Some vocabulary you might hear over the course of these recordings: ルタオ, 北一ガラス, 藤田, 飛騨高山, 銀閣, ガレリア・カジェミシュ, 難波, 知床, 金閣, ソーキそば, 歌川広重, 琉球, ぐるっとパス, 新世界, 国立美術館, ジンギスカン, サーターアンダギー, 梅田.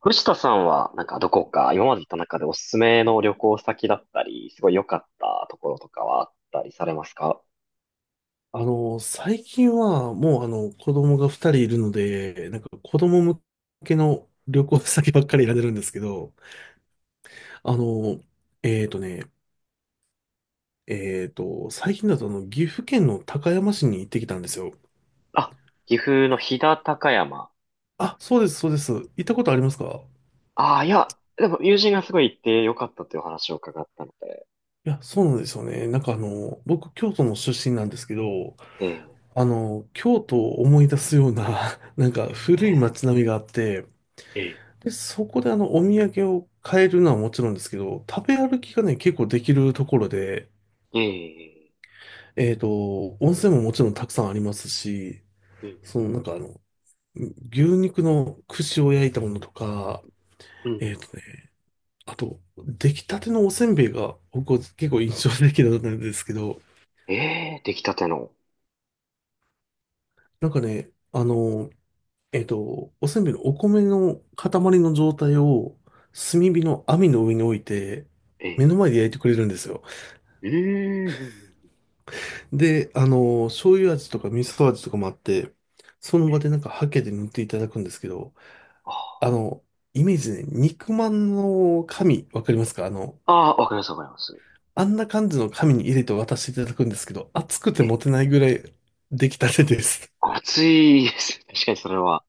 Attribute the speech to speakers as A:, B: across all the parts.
A: 藤田さんは、なんかどこか、今まで行った中でおすすめの旅行先だったり、すごい良かったところとかはあったりされますか？
B: 最近はもう子供が2人いるので、なんか子供向けの旅行先ばっかり選んでるんですけど、あの、えーとね、えーと、最近だと岐阜県の高山市に行ってきたんですよ。
A: あ、岐阜の飛騨高山。
B: あ、そうです、そうです。行ったことありますか？
A: ああ、いや、でも友人がすごい行って良かったというお話を伺ったので。
B: いや、そうなんですよね。僕、京都の出身なんですけど、
A: ええ
B: 京都を思い出すような、なんか古い街
A: え
B: 並みがあって、
A: え
B: で、そこでお土産を買えるのはもちろんですけど、食べ歩きがね、結構できるところで、
A: ええええ。
B: 温泉ももちろんたくさんありますし、
A: うん
B: そのなんかあの、牛肉の串を焼いたものとか、
A: うん。
B: えっとね、あと、出来たてのおせんべいが僕は結構印象的だったんですけど、
A: ええ、出来たての。
B: なんかね、あの、おせんべいのお米の塊の状態を炭火の網の上に置いて、
A: え
B: 目の
A: え。
B: 前で焼いてくれるんですよ。
A: うんうんうん。
B: で、あの、醤油味とか味噌味とかもあって、その
A: え
B: 場
A: え。
B: でなんかハケで塗っていただくんですけど、
A: あ
B: あの、イメージね、肉まんの紙、わかりますか？
A: あ、ああ、わかりますわかります。
B: あんな感じの紙に入れて渡していただくんですけど、熱くて
A: ええ、
B: 持てないぐらい出来たてです。
A: 暑いです。確かにそれは。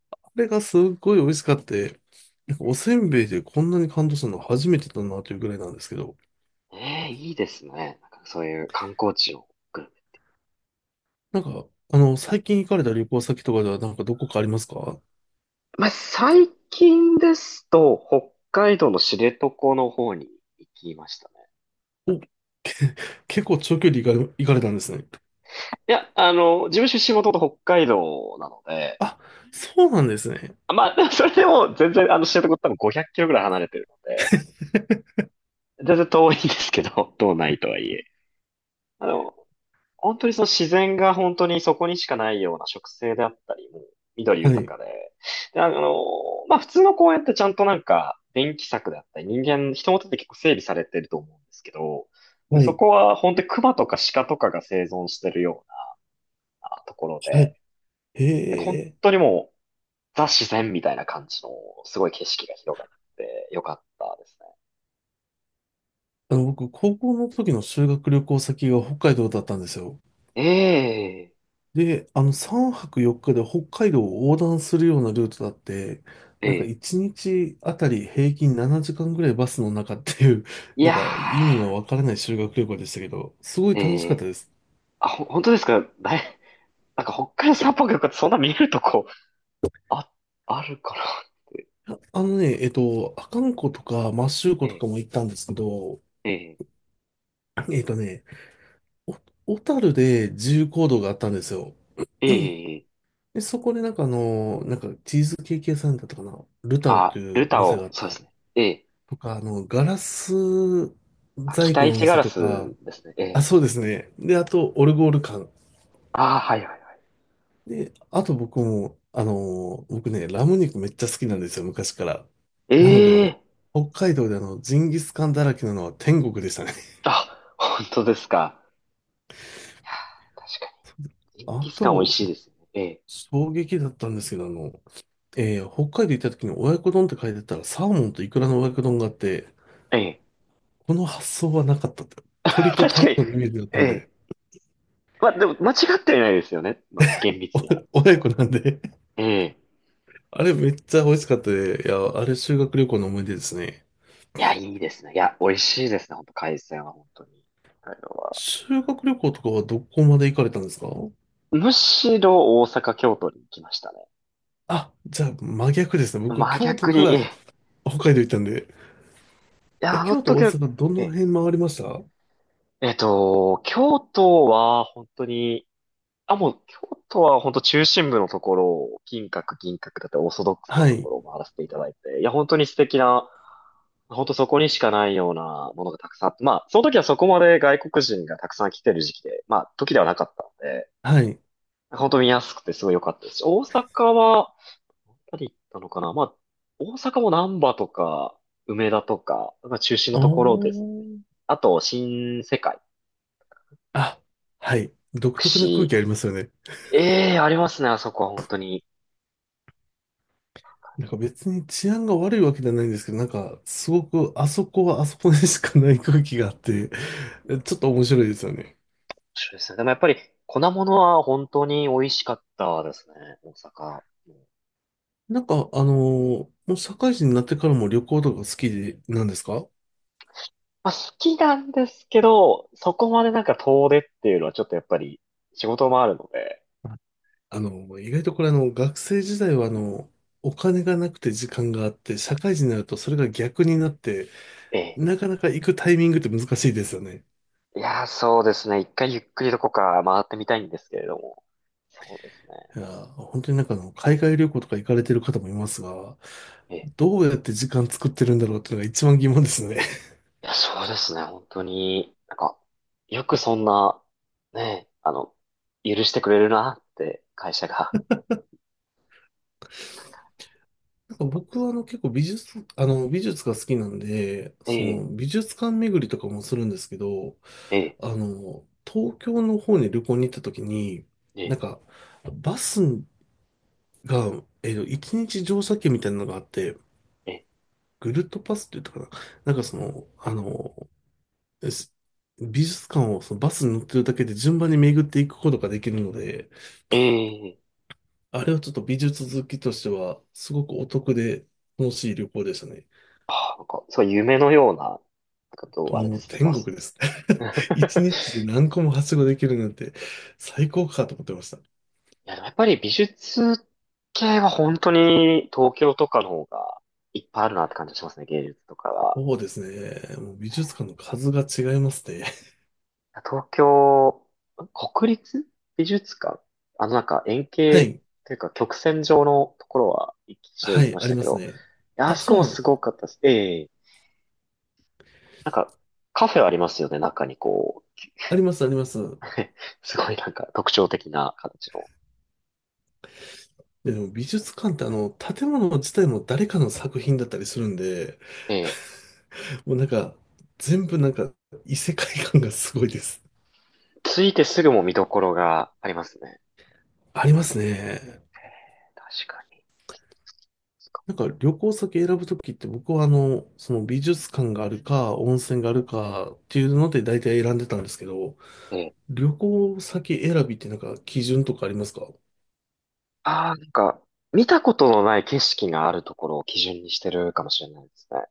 B: これがすっごい美味しかって、なんかおせんべいでこんなに感動するの初めてだなというぐらいなんですけど、
A: ええ、いいですね。なんかそういう観光地を、グルメ。
B: なんか、最近行かれた旅行先とかではなんかどこかありますか？
A: まあ、最近ですと、北海道の知床の方に行きましたね。
B: お、け、 結構長距離行かれ、行かれたんですね。
A: いや、あの、自分出身もともと北海道なので、
B: あ、そうなんですね。
A: まあ、それでも全然、あの、知床って多分500キロぐらい離れてるので、全然遠いんですけど、道内とはいえ。あの、本当にその自然が本当にそこにしかないような植生であったり、もう緑
B: は
A: 豊
B: い。
A: かで。で、あの、まあ普通の公園ってちゃんとなんか電気柵であったり、人間、人の手で結構整備されてると思うんですけど、
B: は
A: そ
B: い。
A: こは本当に熊とか鹿とかが生存してるようなところ
B: は
A: で、
B: い。へ
A: 本
B: え。
A: 当にもうザ自然みたいな感じのすごい景色が広がってよかったですね。
B: 僕、高校の時の修学旅行先が北海道だったんですよ。
A: え
B: で、あの、3泊4日で北海道を横断するようなルートだって、
A: え、
B: なんか
A: ええ、
B: 1日あたり平均7時間ぐらいバスの中っていう、
A: い
B: な
A: や
B: んか意味のわからない修学旅行でしたけど、すごい
A: ー、
B: 楽し
A: え
B: かっ
A: え、
B: たです。
A: あ、本当ですか、なんか北海道札幌とかそんな見るとこ、あ、あるかなって。
B: いやあのね、えっと、阿寒湖とか摩周
A: え
B: 湖と
A: え、
B: かも行ったんですけど、
A: え
B: えっとね、お小樽で自由行動があったんですよ。
A: え、ええ、
B: で、そこでチーズケーキ屋さんだったかな、ルタオ
A: あ、
B: と
A: ル
B: いうお
A: タ
B: 店が
A: オ、
B: あっ
A: そうで
B: て、
A: すね。ええ、
B: とか、ガラス
A: あ、
B: 細工
A: 北
B: のお
A: 一ガ
B: 店
A: ラ
B: とか、
A: スですね。え
B: あ、
A: え、
B: そうですね。で、あと、オルゴール館。
A: ああ、はいはいは
B: で、あと僕も、僕ね、ラム肉めっちゃ好きなんですよ、昔から。
A: い。
B: なので
A: え
B: も
A: え、
B: う、北海道でジンギスカンだらけなのは天国でしたね。
A: あ、本当ですか。いやー、確かに。ジン
B: あ
A: ギスカン美味
B: と、
A: しいですよね。え
B: 衝撃だったんですけど、北海道行った時に親子丼って書いてたら、サーモンとイクラの親子丼があって、
A: え、ええ、
B: この発想はなかったって。鳥 と
A: 確かに。
B: 卵のイメージだっ
A: え
B: たん
A: え、
B: で、
A: まあでも間違ってはいないですよね。まあ厳密には。
B: お、親子なんで。
A: ええ、
B: あれめっちゃ美味しかったで、いや、あれ修学旅行の思い出ですね。
A: いや、いいですね。いや、美味しいですね。本当海鮮は本当に。あれは。
B: 修学旅行とかはどこまで行かれたんですか？
A: むしろ大阪、京都に行きましたね。
B: あ、じゃあ真逆ですね。僕、
A: 真
B: 京都
A: 逆
B: か
A: に、え
B: ら
A: え。
B: 北海道行ったんで。
A: いや、
B: え、
A: あの
B: 京都、
A: 時
B: 大
A: の、
B: 阪、ど
A: え
B: の
A: え
B: 辺回りました？
A: 京都は本当に、あ、もう、京都は本当中心部のところを、金閣、銀閣だったりオーソドックスな
B: は
A: とこ
B: い、
A: ろを回らせていただいて、いや、本当に素敵な、本当そこにしかないようなものがたくさんあって、まあ、その時はそこまで外国人がたくさん来てる時期で、まあ、時ではなかったので、
B: はい。
A: 本当見やすくてすごい良かったですし、大阪は、パリ行ったのかな、まあ、大阪も難波とか、梅田とか、まあ、中心の
B: お
A: ところですね。
B: ー。
A: あと、新世界、
B: あ、はい。独特な空
A: 串。
B: 気ありますよね。
A: ええー、ありますね、あそこは本当に。
B: なんか別に治安が悪いわけじゃないんですけど、なんかすごくあそこはあそこでしかない空気があって、
A: 面
B: ちょっと面白いですよね。
A: 白いですね。でもやっぱり、粉物は本当に美味しかったですね、大阪。
B: なんかあのもう社会人になってからも旅行とか好きでなんですか？
A: まあ、好きなんですけど、そこまでなんか遠出っていうのはちょっとやっぱり、仕事もあるので、
B: あ、意外とこれ学生時代はお金がなくて時間があって、社会人になるとそれが逆になって、
A: ええ。
B: なかなか行くタイミングって難しいですよね。
A: いやー、そうですね。一回ゆっくりどこか回ってみたいんですけれども。そうですね。
B: いやー、本当に海外旅行とか行かれてる方もいますが、
A: ええ。
B: どうやって時間作ってるんだろうっていうのが一番疑問ですね。
A: いや、そうですね、本当に、なんか、よくそんな、ね、あの、許してくれるなって、会社が。
B: 僕は結構美術が好きなんで、
A: え
B: そ
A: え、
B: の美術館巡りとかもするんですけど、
A: ええ、
B: 東京の方に旅行に行った時に、
A: え
B: なん
A: え、
B: か、バスが、一日乗車券みたいなのがあって、
A: え
B: ぐるっとパスって言ったかな。なんかその、あの、す美術館をそのバスに乗ってるだけで順番に巡っていくことができるので、
A: え、ええ、
B: あれはちょっと美術好きとしては、すごくお得で楽しい旅行でしたね。
A: ああ、なんか、そう、夢のような、なんかどう、あれで
B: もう
A: すね、
B: 天
A: バ
B: 国
A: ス。
B: です。一日 で何個もはしごできるなんて最高かと思ってました。
A: いや、でもやっぱり美術系は本当に東京とかの方がいっぱいあるなって感じがしますね、芸術とかは。
B: そうですね。もう美術館の数が違いますね。
A: 東京、国立美術館、あのなんか円
B: は
A: 形
B: い。
A: というか曲線状のところは一度
B: は
A: 行き
B: い。
A: ま
B: あ
A: し
B: り
A: た
B: ま
A: け
B: す
A: ど、
B: ね。
A: いや、あ
B: あ、
A: そこ
B: そう
A: も
B: なん
A: す
B: です
A: ご
B: ね。
A: かったです。ええ、なんかカフェありますよね、中にこう。
B: あります、あります。
A: すごいなんか特徴的な形の。
B: でも美術館って建物自体も誰かの作品だったりするんで、
A: ええ、
B: もうなんか、異世界感がすごいです。
A: 着いてすぐも見どころがありますね。
B: ありますね。
A: ええ、確かに。
B: なんか旅行先選ぶときって僕はその美術館があるか温泉があるかっていうので大体選んでたんですけど、
A: ええ、
B: 旅行先選びってなんか基準とかありますか？
A: ああ、なんか、見たことのない景色があるところを基準にしてるかもしれないですね。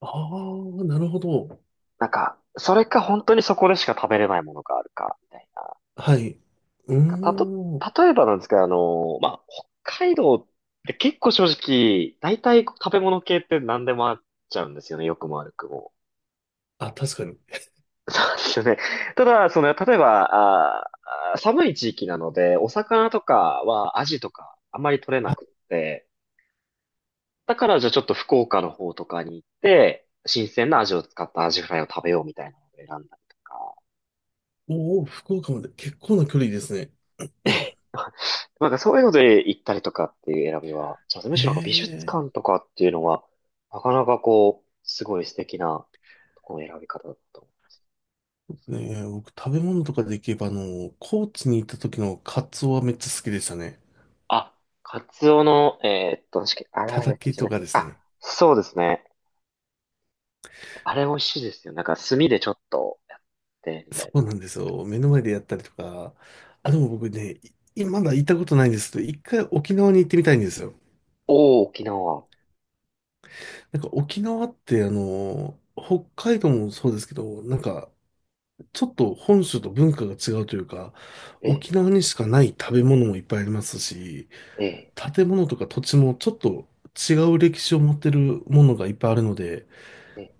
B: ああー、なるほど。
A: なんか、それか本当にそこでしか食べれないものがあるか、みたいな。な
B: はい。う
A: んか、
B: ーん。
A: 例えばなんですけど、あの、まあ、北海道って結構正直、大体食べ物系って何でもあっちゃうんですよね、良くも悪くも。
B: あ、確かに。
A: そうですよね。ただ、その、例えば、寒い地域なので、お魚とかはアジとかあんまり取れなくって、だからじゃあちょっと福岡の方とかに行って、新鮮なアジを使ったアジフライを食べようみたいなのを選んだりとか。
B: おお、福岡まで結構な距離ですね。
A: え、なんかそういうので行ったりとかっていう選びは、じゃあむ
B: へ
A: しろなんか美術館
B: え。
A: とかっていうのは、なかなかこう、すごい素敵なとこの選び方だと思う。
B: ねえ、僕食べ物とかでいけば高知に行った時のカツオはめっちゃ好きでしたね。
A: あ、カツオの、確かに、あ
B: た
A: ら
B: た
A: 焼き
B: き
A: じゃ
B: と
A: なく
B: か
A: て、
B: です
A: あ、
B: ね。
A: そうですね。あれ美味しいですよ。なんか炭でちょっとやって、みた
B: そ
A: い
B: う
A: な。
B: なんですよ。目の前でやったりとか。あ、でも僕ね、いまだ行ったことないんですけど、一回沖縄に行ってみたいんですよ。
A: おー、沖縄。
B: なんか沖縄って、北海道もそうですけど、ちょっと本州と文化が違うというか、
A: え
B: 沖
A: え、
B: 縄にしかない食べ物もいっぱいありますし、
A: ええ、
B: 建物とか土地もちょっと違う歴史を持ってるものがいっぱいあるので、
A: ええ。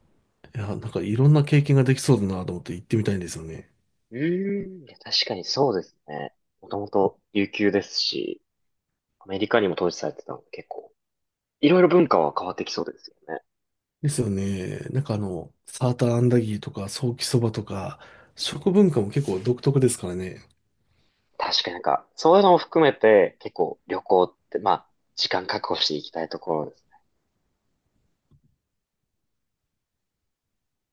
B: いや、なんかいろんな経験ができそうだなと思って行ってみたいんですよね。
A: うーん、いや確かにそうですね。もともと琉球ですし、アメリカにも統治されてたので結構いろいろ文化は変わってきそうですよね。
B: ですよね。サーターアンダギーとか、ソーキそばとか、食
A: え、
B: 文化も結構独特ですからね。
A: 確かになんか、そういうのも含めて、結構旅行って、まあ、時間確保していきたいところです。